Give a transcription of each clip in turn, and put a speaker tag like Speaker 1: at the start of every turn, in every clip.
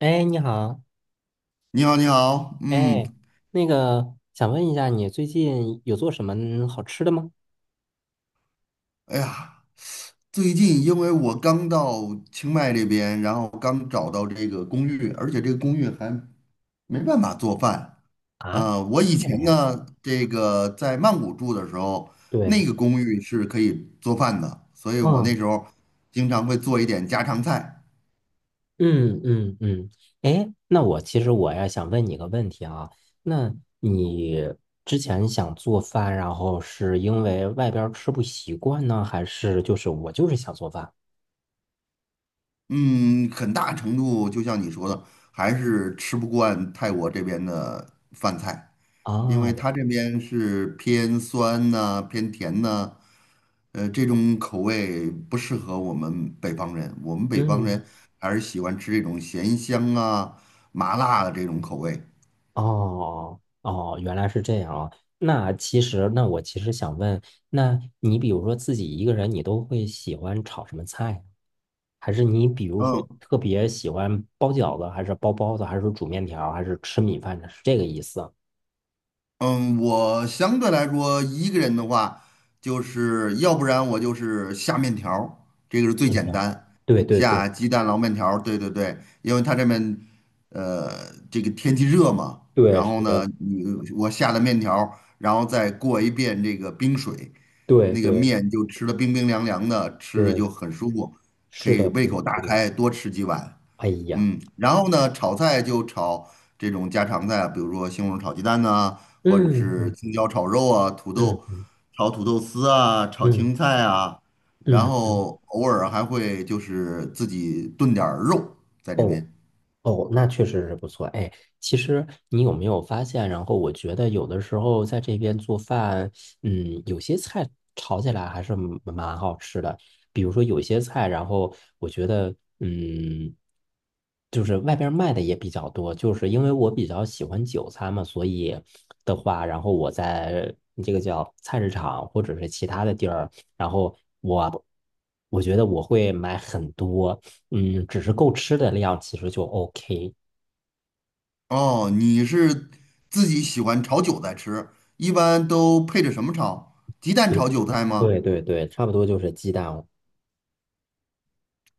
Speaker 1: 哎，你好。
Speaker 2: 你好，你好，嗯，
Speaker 1: 哎，那个想问一下，你最近有做什么好吃的吗？
Speaker 2: 哎呀，最近因为我刚到清迈这边，然后刚找到这个公寓，而且这个公寓还没办法做饭。
Speaker 1: 啊，
Speaker 2: 啊、我以
Speaker 1: 为什么
Speaker 2: 前
Speaker 1: 呀？
Speaker 2: 呢，这个在曼谷住的时候，那
Speaker 1: 对。
Speaker 2: 个公寓是可以做饭的，所以我那
Speaker 1: 嗯。
Speaker 2: 时候经常会做一点家常菜。
Speaker 1: 嗯嗯嗯。哎，那我其实呀想问你个问题啊。那你之前想做饭，然后是因为外边儿吃不习惯呢，还是我就是想做饭
Speaker 2: 嗯，很大程度就像你说的，还是吃不惯泰国这边的饭菜，因
Speaker 1: 啊？
Speaker 2: 为
Speaker 1: 对。
Speaker 2: 它这边是偏酸呐、偏甜呐、这种口味不适合我们北方人。我们北方人还是喜欢吃这种咸香啊、麻辣的这种口味。
Speaker 1: 哦哦，原来是这样啊。那其实，那我其实想问，那你比如说自己一个人，你都会喜欢炒什么菜？还是你比如说
Speaker 2: 嗯，
Speaker 1: 特别喜欢包饺子，还是包包子，还是煮面条还是吃米饭呢？是这个意思啊？
Speaker 2: 嗯，我相对来说一个人的话，就是要不然我就是下面条儿这个是最
Speaker 1: 面
Speaker 2: 简
Speaker 1: 条。
Speaker 2: 单，
Speaker 1: 对对对
Speaker 2: 下鸡蛋捞面条儿对对对，因为他这边这个天气热嘛，
Speaker 1: 对，
Speaker 2: 然后
Speaker 1: 是
Speaker 2: 呢，
Speaker 1: 的。
Speaker 2: 我下了面条儿然后再过一遍这个冰水，
Speaker 1: 对
Speaker 2: 那个
Speaker 1: 对
Speaker 2: 面就吃的冰冰凉凉的，吃着就
Speaker 1: 对，
Speaker 2: 很舒服，可
Speaker 1: 是的，
Speaker 2: 以胃
Speaker 1: 是
Speaker 2: 口
Speaker 1: 的，是
Speaker 2: 大
Speaker 1: 的。
Speaker 2: 开，多吃几碗。
Speaker 1: 哎呀。
Speaker 2: 嗯，然后呢，炒菜就炒这种家常菜，比如说西红柿炒鸡蛋呐、或者
Speaker 1: 嗯
Speaker 2: 是
Speaker 1: 嗯
Speaker 2: 青椒炒肉啊，土豆
Speaker 1: 嗯
Speaker 2: 炒土豆丝啊，炒
Speaker 1: 嗯
Speaker 2: 青菜啊，然
Speaker 1: 嗯嗯。
Speaker 2: 后偶尔还会就是自己炖点儿肉在这
Speaker 1: 哦。
Speaker 2: 边。
Speaker 1: 哦，那确实是不错。哎，其实你有没有发现？然后我觉得有的时候在这边做饭，嗯，有些菜炒起来还是蛮好吃的。比如说有些菜，然后我觉得，嗯，就是外边卖的也比较多。就是因为我比较喜欢韭菜嘛，所以的话，然后我在这个叫菜市场或者是其他的地儿，然后我我觉得我会买很多。嗯，只是够吃的量，其实就 OK。
Speaker 2: 哦，你是自己喜欢炒韭菜吃，一般都配着什么炒？鸡蛋炒韭菜吗？
Speaker 1: 对对对对，差不多就是鸡蛋。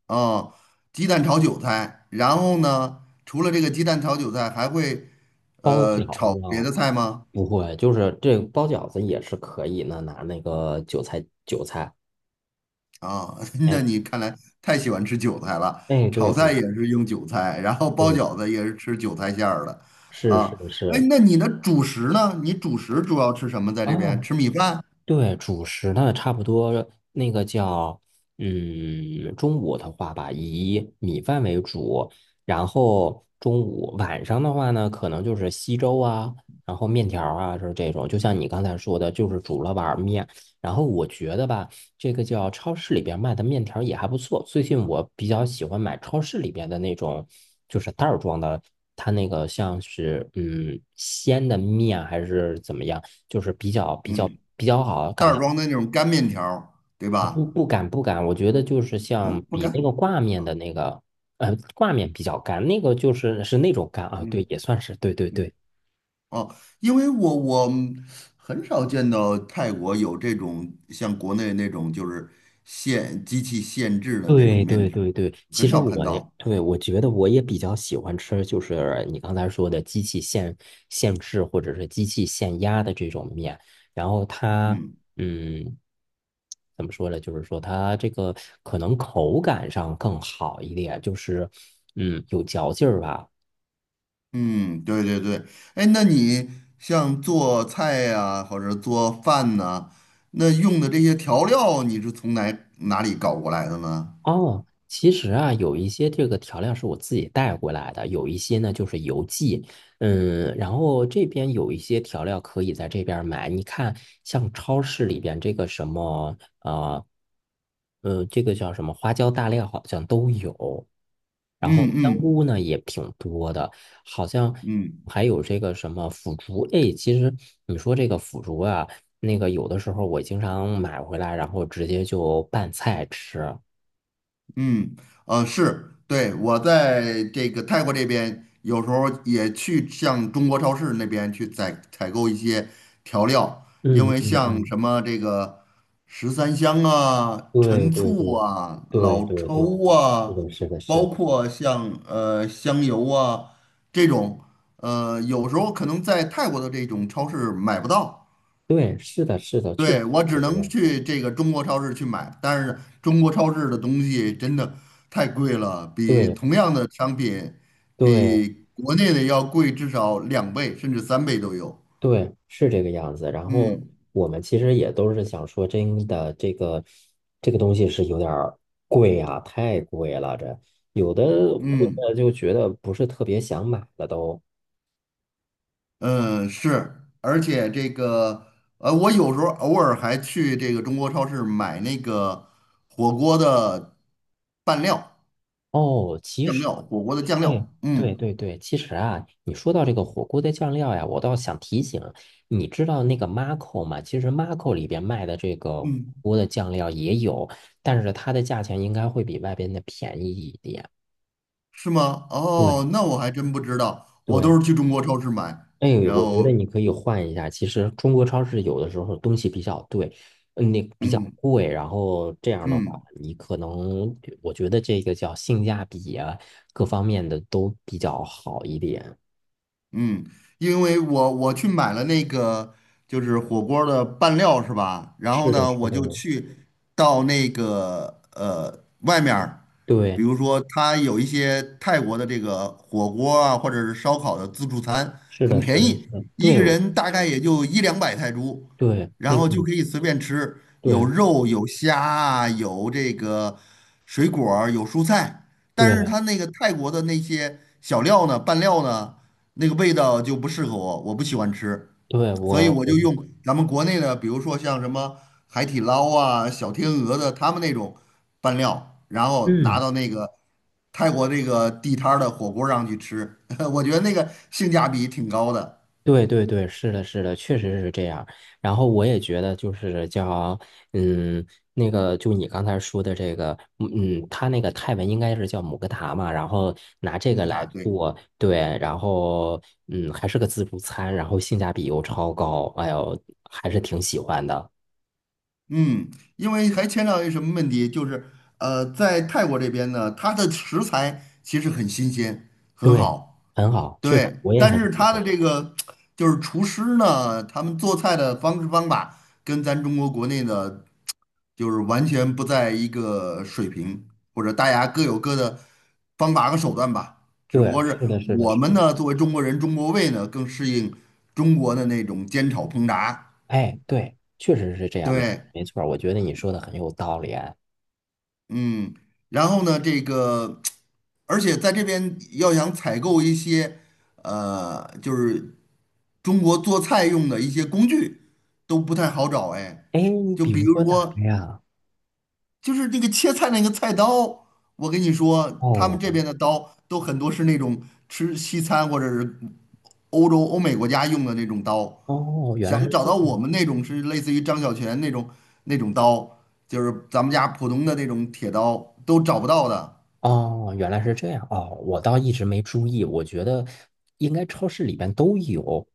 Speaker 2: 哦，鸡蛋炒韭菜，然后呢，除了这个鸡蛋炒韭菜，还会
Speaker 1: 包饺
Speaker 2: 炒
Speaker 1: 子呢，
Speaker 2: 别的菜吗？
Speaker 1: 不会，就是这个包饺子也是可以呢，拿那个韭菜，
Speaker 2: 啊，
Speaker 1: 哎。
Speaker 2: 那你看来太喜欢吃韭菜了，
Speaker 1: 哎，
Speaker 2: 炒
Speaker 1: 对
Speaker 2: 菜
Speaker 1: 对
Speaker 2: 也是用韭菜，然后包
Speaker 1: 对，
Speaker 2: 饺子也是吃韭菜馅儿的，
Speaker 1: 是是
Speaker 2: 啊，哎，
Speaker 1: 是。
Speaker 2: 那你的主食呢？你主食主要吃什么？在这边
Speaker 1: 啊，
Speaker 2: 吃米饭，
Speaker 1: 对，主食呢，差不多那个叫，嗯，中午的话吧，以米饭为主，然后中午晚上的话呢，可能就是稀粥啊，然后面条儿啊，是这种，就像你刚才说的，就是煮了碗儿面。然后我觉得吧，这个叫超市里边卖的面条也还不错。最近我比较喜欢买超市里边的那种，就是袋儿装的，它那个像是鲜的面啊还是怎么样，就是比较比较
Speaker 2: 嗯，
Speaker 1: 比较好，
Speaker 2: 袋
Speaker 1: 感觉
Speaker 2: 儿装的那种干面条儿对
Speaker 1: 不
Speaker 2: 吧？
Speaker 1: 不敢不敢，我觉得就是像
Speaker 2: 嗯，不
Speaker 1: 比那
Speaker 2: 干
Speaker 1: 个挂面的
Speaker 2: 啊，
Speaker 1: 那个挂面比较干，那个就是是那种干啊，对，
Speaker 2: 嗯
Speaker 1: 也算是对对
Speaker 2: 嗯，
Speaker 1: 对。
Speaker 2: 哦，因为我很少见到泰国有这种像国内那种就是现机器现制的那种
Speaker 1: 对
Speaker 2: 面
Speaker 1: 对
Speaker 2: 条儿
Speaker 1: 对对，其
Speaker 2: 很
Speaker 1: 实
Speaker 2: 少看
Speaker 1: 我呢，
Speaker 2: 到，
Speaker 1: 对，我觉得我也比较喜欢吃，就是你刚才说的机器现制或者是机器现压的这种面，然后它，
Speaker 2: 嗯。
Speaker 1: 嗯，怎么说呢？就是说它这个可能口感上更好一点，就是，嗯，有嚼劲儿吧。
Speaker 2: 嗯，对对对，哎，那你像做菜呀、或者做饭呐、那用的这些调料，你是从哪里搞过来的呢？
Speaker 1: 哦，其实啊，有一些这个调料是我自己带过来的，有一些呢就是邮寄。嗯，然后这边有一些调料可以在这边儿买。你看，像超市里边这个什么，这个叫什么花椒大料好像都有，然
Speaker 2: 嗯
Speaker 1: 后香
Speaker 2: 嗯
Speaker 1: 菇呢也挺多的，好像
Speaker 2: 嗯
Speaker 1: 还有这个什么腐竹。哎，其实你说这个腐竹啊，那个有的时候我经常买回来，然后直接就拌菜吃。
Speaker 2: 嗯，是，对，我在这个泰国这边，有时候也去像中国超市那边去采购一些调料，因
Speaker 1: 嗯
Speaker 2: 为
Speaker 1: 嗯
Speaker 2: 像
Speaker 1: 嗯。
Speaker 2: 什么这个十三香啊、
Speaker 1: 对
Speaker 2: 陈
Speaker 1: 对对
Speaker 2: 醋啊、
Speaker 1: 对
Speaker 2: 老
Speaker 1: 对
Speaker 2: 抽啊，
Speaker 1: 对，是的，是的，是
Speaker 2: 包
Speaker 1: 的。
Speaker 2: 括像香油啊这种，有时候可能在泰国的这种超市买不到。
Speaker 1: 对，是的，是的，确实
Speaker 2: 对，我
Speaker 1: 是
Speaker 2: 只
Speaker 1: 这个
Speaker 2: 能
Speaker 1: 样子。
Speaker 2: 去这个中国超市去买，但是中国超市的东西真的太贵了，比
Speaker 1: 对
Speaker 2: 同样的商品，
Speaker 1: 对
Speaker 2: 比国内的要贵至少2倍甚至3倍都有。
Speaker 1: 对，是这个样子。然后
Speaker 2: 嗯
Speaker 1: 我们其实也都是想说，真的，这个这个东西是有点儿贵啊，太贵了。这有的会
Speaker 2: 嗯
Speaker 1: 的就觉得不是特别想买了都。
Speaker 2: 嗯，是，而且这个我有时候偶尔还去这个中国超市买那个火锅的拌料、
Speaker 1: 哦，其
Speaker 2: 酱
Speaker 1: 实。
Speaker 2: 料，火锅的酱
Speaker 1: 哎，
Speaker 2: 料。嗯
Speaker 1: 对对对，其实啊，你说到这个火锅的酱料呀，我倒想提醒，你知道那个 Marco 吗？其实 Marco 里边卖的这个火
Speaker 2: 嗯。
Speaker 1: 锅的酱料也有，但是它的价钱应该会比外边的便宜一点。
Speaker 2: 是吗？
Speaker 1: 对
Speaker 2: 哦，那我还真不知道，我都
Speaker 1: 对。
Speaker 2: 是去中国超市买，
Speaker 1: 哎，
Speaker 2: 然
Speaker 1: 我觉得
Speaker 2: 后
Speaker 1: 你可以换一下。其实中国超市有的时候东西比较对，那比较
Speaker 2: 嗯
Speaker 1: 贵，然后这样的话，
Speaker 2: 嗯，
Speaker 1: 你可能我觉得这个叫性价比啊，各方面的都比较好一点。
Speaker 2: 嗯，因为我去买了那个就是火锅儿的拌料是吧？然后
Speaker 1: 是的，
Speaker 2: 呢，
Speaker 1: 是
Speaker 2: 我
Speaker 1: 的。
Speaker 2: 就去到那个外面儿比
Speaker 1: 对，
Speaker 2: 如说它有一些泰国的这个火锅啊，或者是烧烤的自助餐，
Speaker 1: 是
Speaker 2: 很
Speaker 1: 的，是
Speaker 2: 便
Speaker 1: 的，
Speaker 2: 宜，
Speaker 1: 是的。
Speaker 2: 一
Speaker 1: 对，
Speaker 2: 个
Speaker 1: 我
Speaker 2: 人大概也就一两百泰铢，
Speaker 1: 对，那
Speaker 2: 然
Speaker 1: 个
Speaker 2: 后就
Speaker 1: 你，
Speaker 2: 可以随便吃，有
Speaker 1: 对，
Speaker 2: 肉有虾啊，有这个水果儿有蔬菜，但是
Speaker 1: 对，
Speaker 2: 它那个泰国的那些小料呢，拌料呢。那个味道就不适合我，我不喜欢吃，
Speaker 1: 对，
Speaker 2: 所以
Speaker 1: 我，
Speaker 2: 我就
Speaker 1: 我，
Speaker 2: 用咱们国内的，比如说像什么海底捞啊、小天鹅的他们那种拌料，然后拿
Speaker 1: 嗯，
Speaker 2: 到那个泰国这个地摊儿的火锅上去吃，我觉得那个性价比挺高的。
Speaker 1: 对，对，对，是的，是的，确实是这样。然后我也觉得，就是叫，嗯，那个，就你刚才说的这个，嗯，他那个泰文应该是叫姆格塔嘛，然后拿这
Speaker 2: 穆
Speaker 1: 个
Speaker 2: 克塔，
Speaker 1: 来
Speaker 2: 对，
Speaker 1: 做，对，然后，嗯，还是个自助餐，然后性价比又超高，哎呦，还是挺喜欢的。
Speaker 2: 嗯，因为还牵扯到一什么问题，就是在泰国这边呢，它的食材其实很新鲜，很
Speaker 1: 对，
Speaker 2: 好。
Speaker 1: 很好，确实
Speaker 2: 对，
Speaker 1: 我也
Speaker 2: 但
Speaker 1: 很
Speaker 2: 是
Speaker 1: 喜
Speaker 2: 他
Speaker 1: 欢。
Speaker 2: 的这个就是厨师呢，他们做菜的方式方法跟咱中国国内的，就是完全不在一个水平，或者大家各有各的方法和手段吧。只不
Speaker 1: 对，
Speaker 2: 过是
Speaker 1: 是的，是的，
Speaker 2: 我
Speaker 1: 是
Speaker 2: 们
Speaker 1: 的。
Speaker 2: 呢，作为中国人，中国胃呢更适应中国的那种煎炒烹炸。
Speaker 1: 哎，对，确实是这样，没
Speaker 2: 对。
Speaker 1: 没错儿我觉得你说的很有道理哎。
Speaker 2: 嗯，然后呢，这个，而且在这边要想采购一些，就是中国做菜用的一些工具都不太好找哎，
Speaker 1: 哎你
Speaker 2: 就
Speaker 1: 比
Speaker 2: 比
Speaker 1: 如
Speaker 2: 如
Speaker 1: 说哪个
Speaker 2: 说，
Speaker 1: 呀？
Speaker 2: 就是那个切菜那个菜刀，我跟你说，他们这
Speaker 1: 哦
Speaker 2: 边的刀都很多是那种吃西餐或者是欧洲、欧美国家用的那种刀，
Speaker 1: 哦，原
Speaker 2: 想
Speaker 1: 来是
Speaker 2: 找到
Speaker 1: 这。
Speaker 2: 我们那种是类似于张小泉那种那种刀，就是咱们家普通的那种铁刀都找不到的。
Speaker 1: 哦，原来是这样哦，我倒一直没注意，我觉得应该超市里边都有。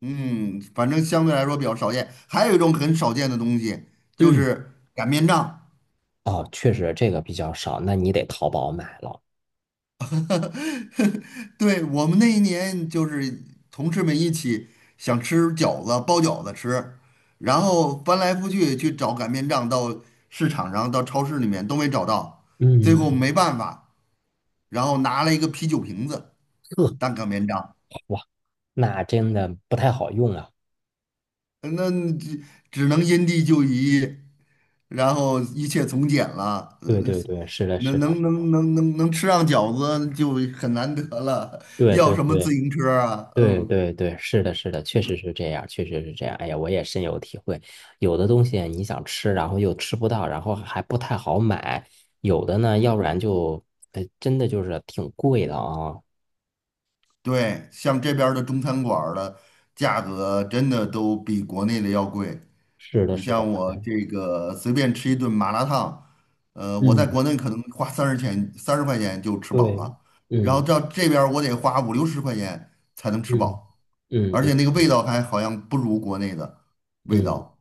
Speaker 2: 嗯，反正相对来说比较少见。还有一种很少见的东西，就
Speaker 1: 嗯，
Speaker 2: 是擀面杖。
Speaker 1: 哦，确实这个比较少，那你得淘宝买了。
Speaker 2: 对，我们那一年就是同事们一起想吃饺子，包饺子吃，然后翻来覆去去找擀面杖，到市场上、到超市里面都没找到，最
Speaker 1: 嗯。
Speaker 2: 后没办法，然后拿了一个啤酒瓶子
Speaker 1: 呵。
Speaker 2: 当擀面杖。
Speaker 1: 哇，那真的不太好用啊。
Speaker 2: 那只只能因地制宜，然后一切从简了。
Speaker 1: 对
Speaker 2: 那
Speaker 1: 对
Speaker 2: 是
Speaker 1: 对，是的，是
Speaker 2: 能
Speaker 1: 的，
Speaker 2: 能能能能能吃上饺子就很难得了，
Speaker 1: 对
Speaker 2: 要
Speaker 1: 对
Speaker 2: 什么自
Speaker 1: 对。
Speaker 2: 行车啊？
Speaker 1: 对
Speaker 2: 嗯
Speaker 1: 对对，是的，是的，确实是这样，确实是这样。哎呀，我也深有体会。有的东西你想吃，然后又吃不到，然后还不太好买；有的呢，要不然
Speaker 2: 嗯，
Speaker 1: 就，哎，真的就是挺贵的啊。
Speaker 2: 对，像这边儿的中餐馆儿的价格真的都比国内的要贵。
Speaker 1: 是的，
Speaker 2: 你
Speaker 1: 是的。
Speaker 2: 像我
Speaker 1: 哎
Speaker 2: 这个随便吃一顿麻辣烫，我在
Speaker 1: 嗯，
Speaker 2: 国内可能花30块钱就吃饱
Speaker 1: 对，
Speaker 2: 了，然后
Speaker 1: 嗯
Speaker 2: 到这边儿我得花五六十块钱才能吃
Speaker 1: 嗯
Speaker 2: 饱。
Speaker 1: 嗯
Speaker 2: 而且
Speaker 1: 嗯
Speaker 2: 那个味道还好像不如国内的味
Speaker 1: 嗯，
Speaker 2: 道。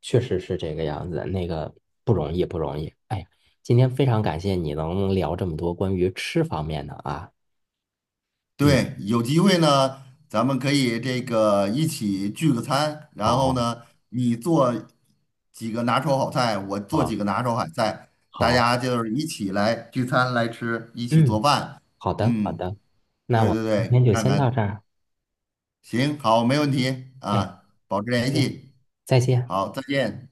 Speaker 1: 确实是这个样子，那个不容易，不容易。哎呀，今天非常感谢你能聊这么多关于吃方面的啊。嗯，
Speaker 2: 对，有机会呢，咱们可以这个一起聚个餐，然后
Speaker 1: 好，
Speaker 2: 呢，你做几个拿手好菜，我做几
Speaker 1: 好，
Speaker 2: 个拿手好菜，大
Speaker 1: 好，
Speaker 2: 家就是一起来聚餐来吃，一起做
Speaker 1: 嗯。
Speaker 2: 饭。
Speaker 1: 好的，好
Speaker 2: 嗯，
Speaker 1: 的，那
Speaker 2: 对
Speaker 1: 我
Speaker 2: 对
Speaker 1: 们今
Speaker 2: 对，
Speaker 1: 天就
Speaker 2: 看
Speaker 1: 先到
Speaker 2: 看，
Speaker 1: 这儿。
Speaker 2: 行，好，没问题
Speaker 1: 哎，
Speaker 2: 啊，保持
Speaker 1: 再
Speaker 2: 联
Speaker 1: 见，
Speaker 2: 系，
Speaker 1: 再见。
Speaker 2: 好，再见。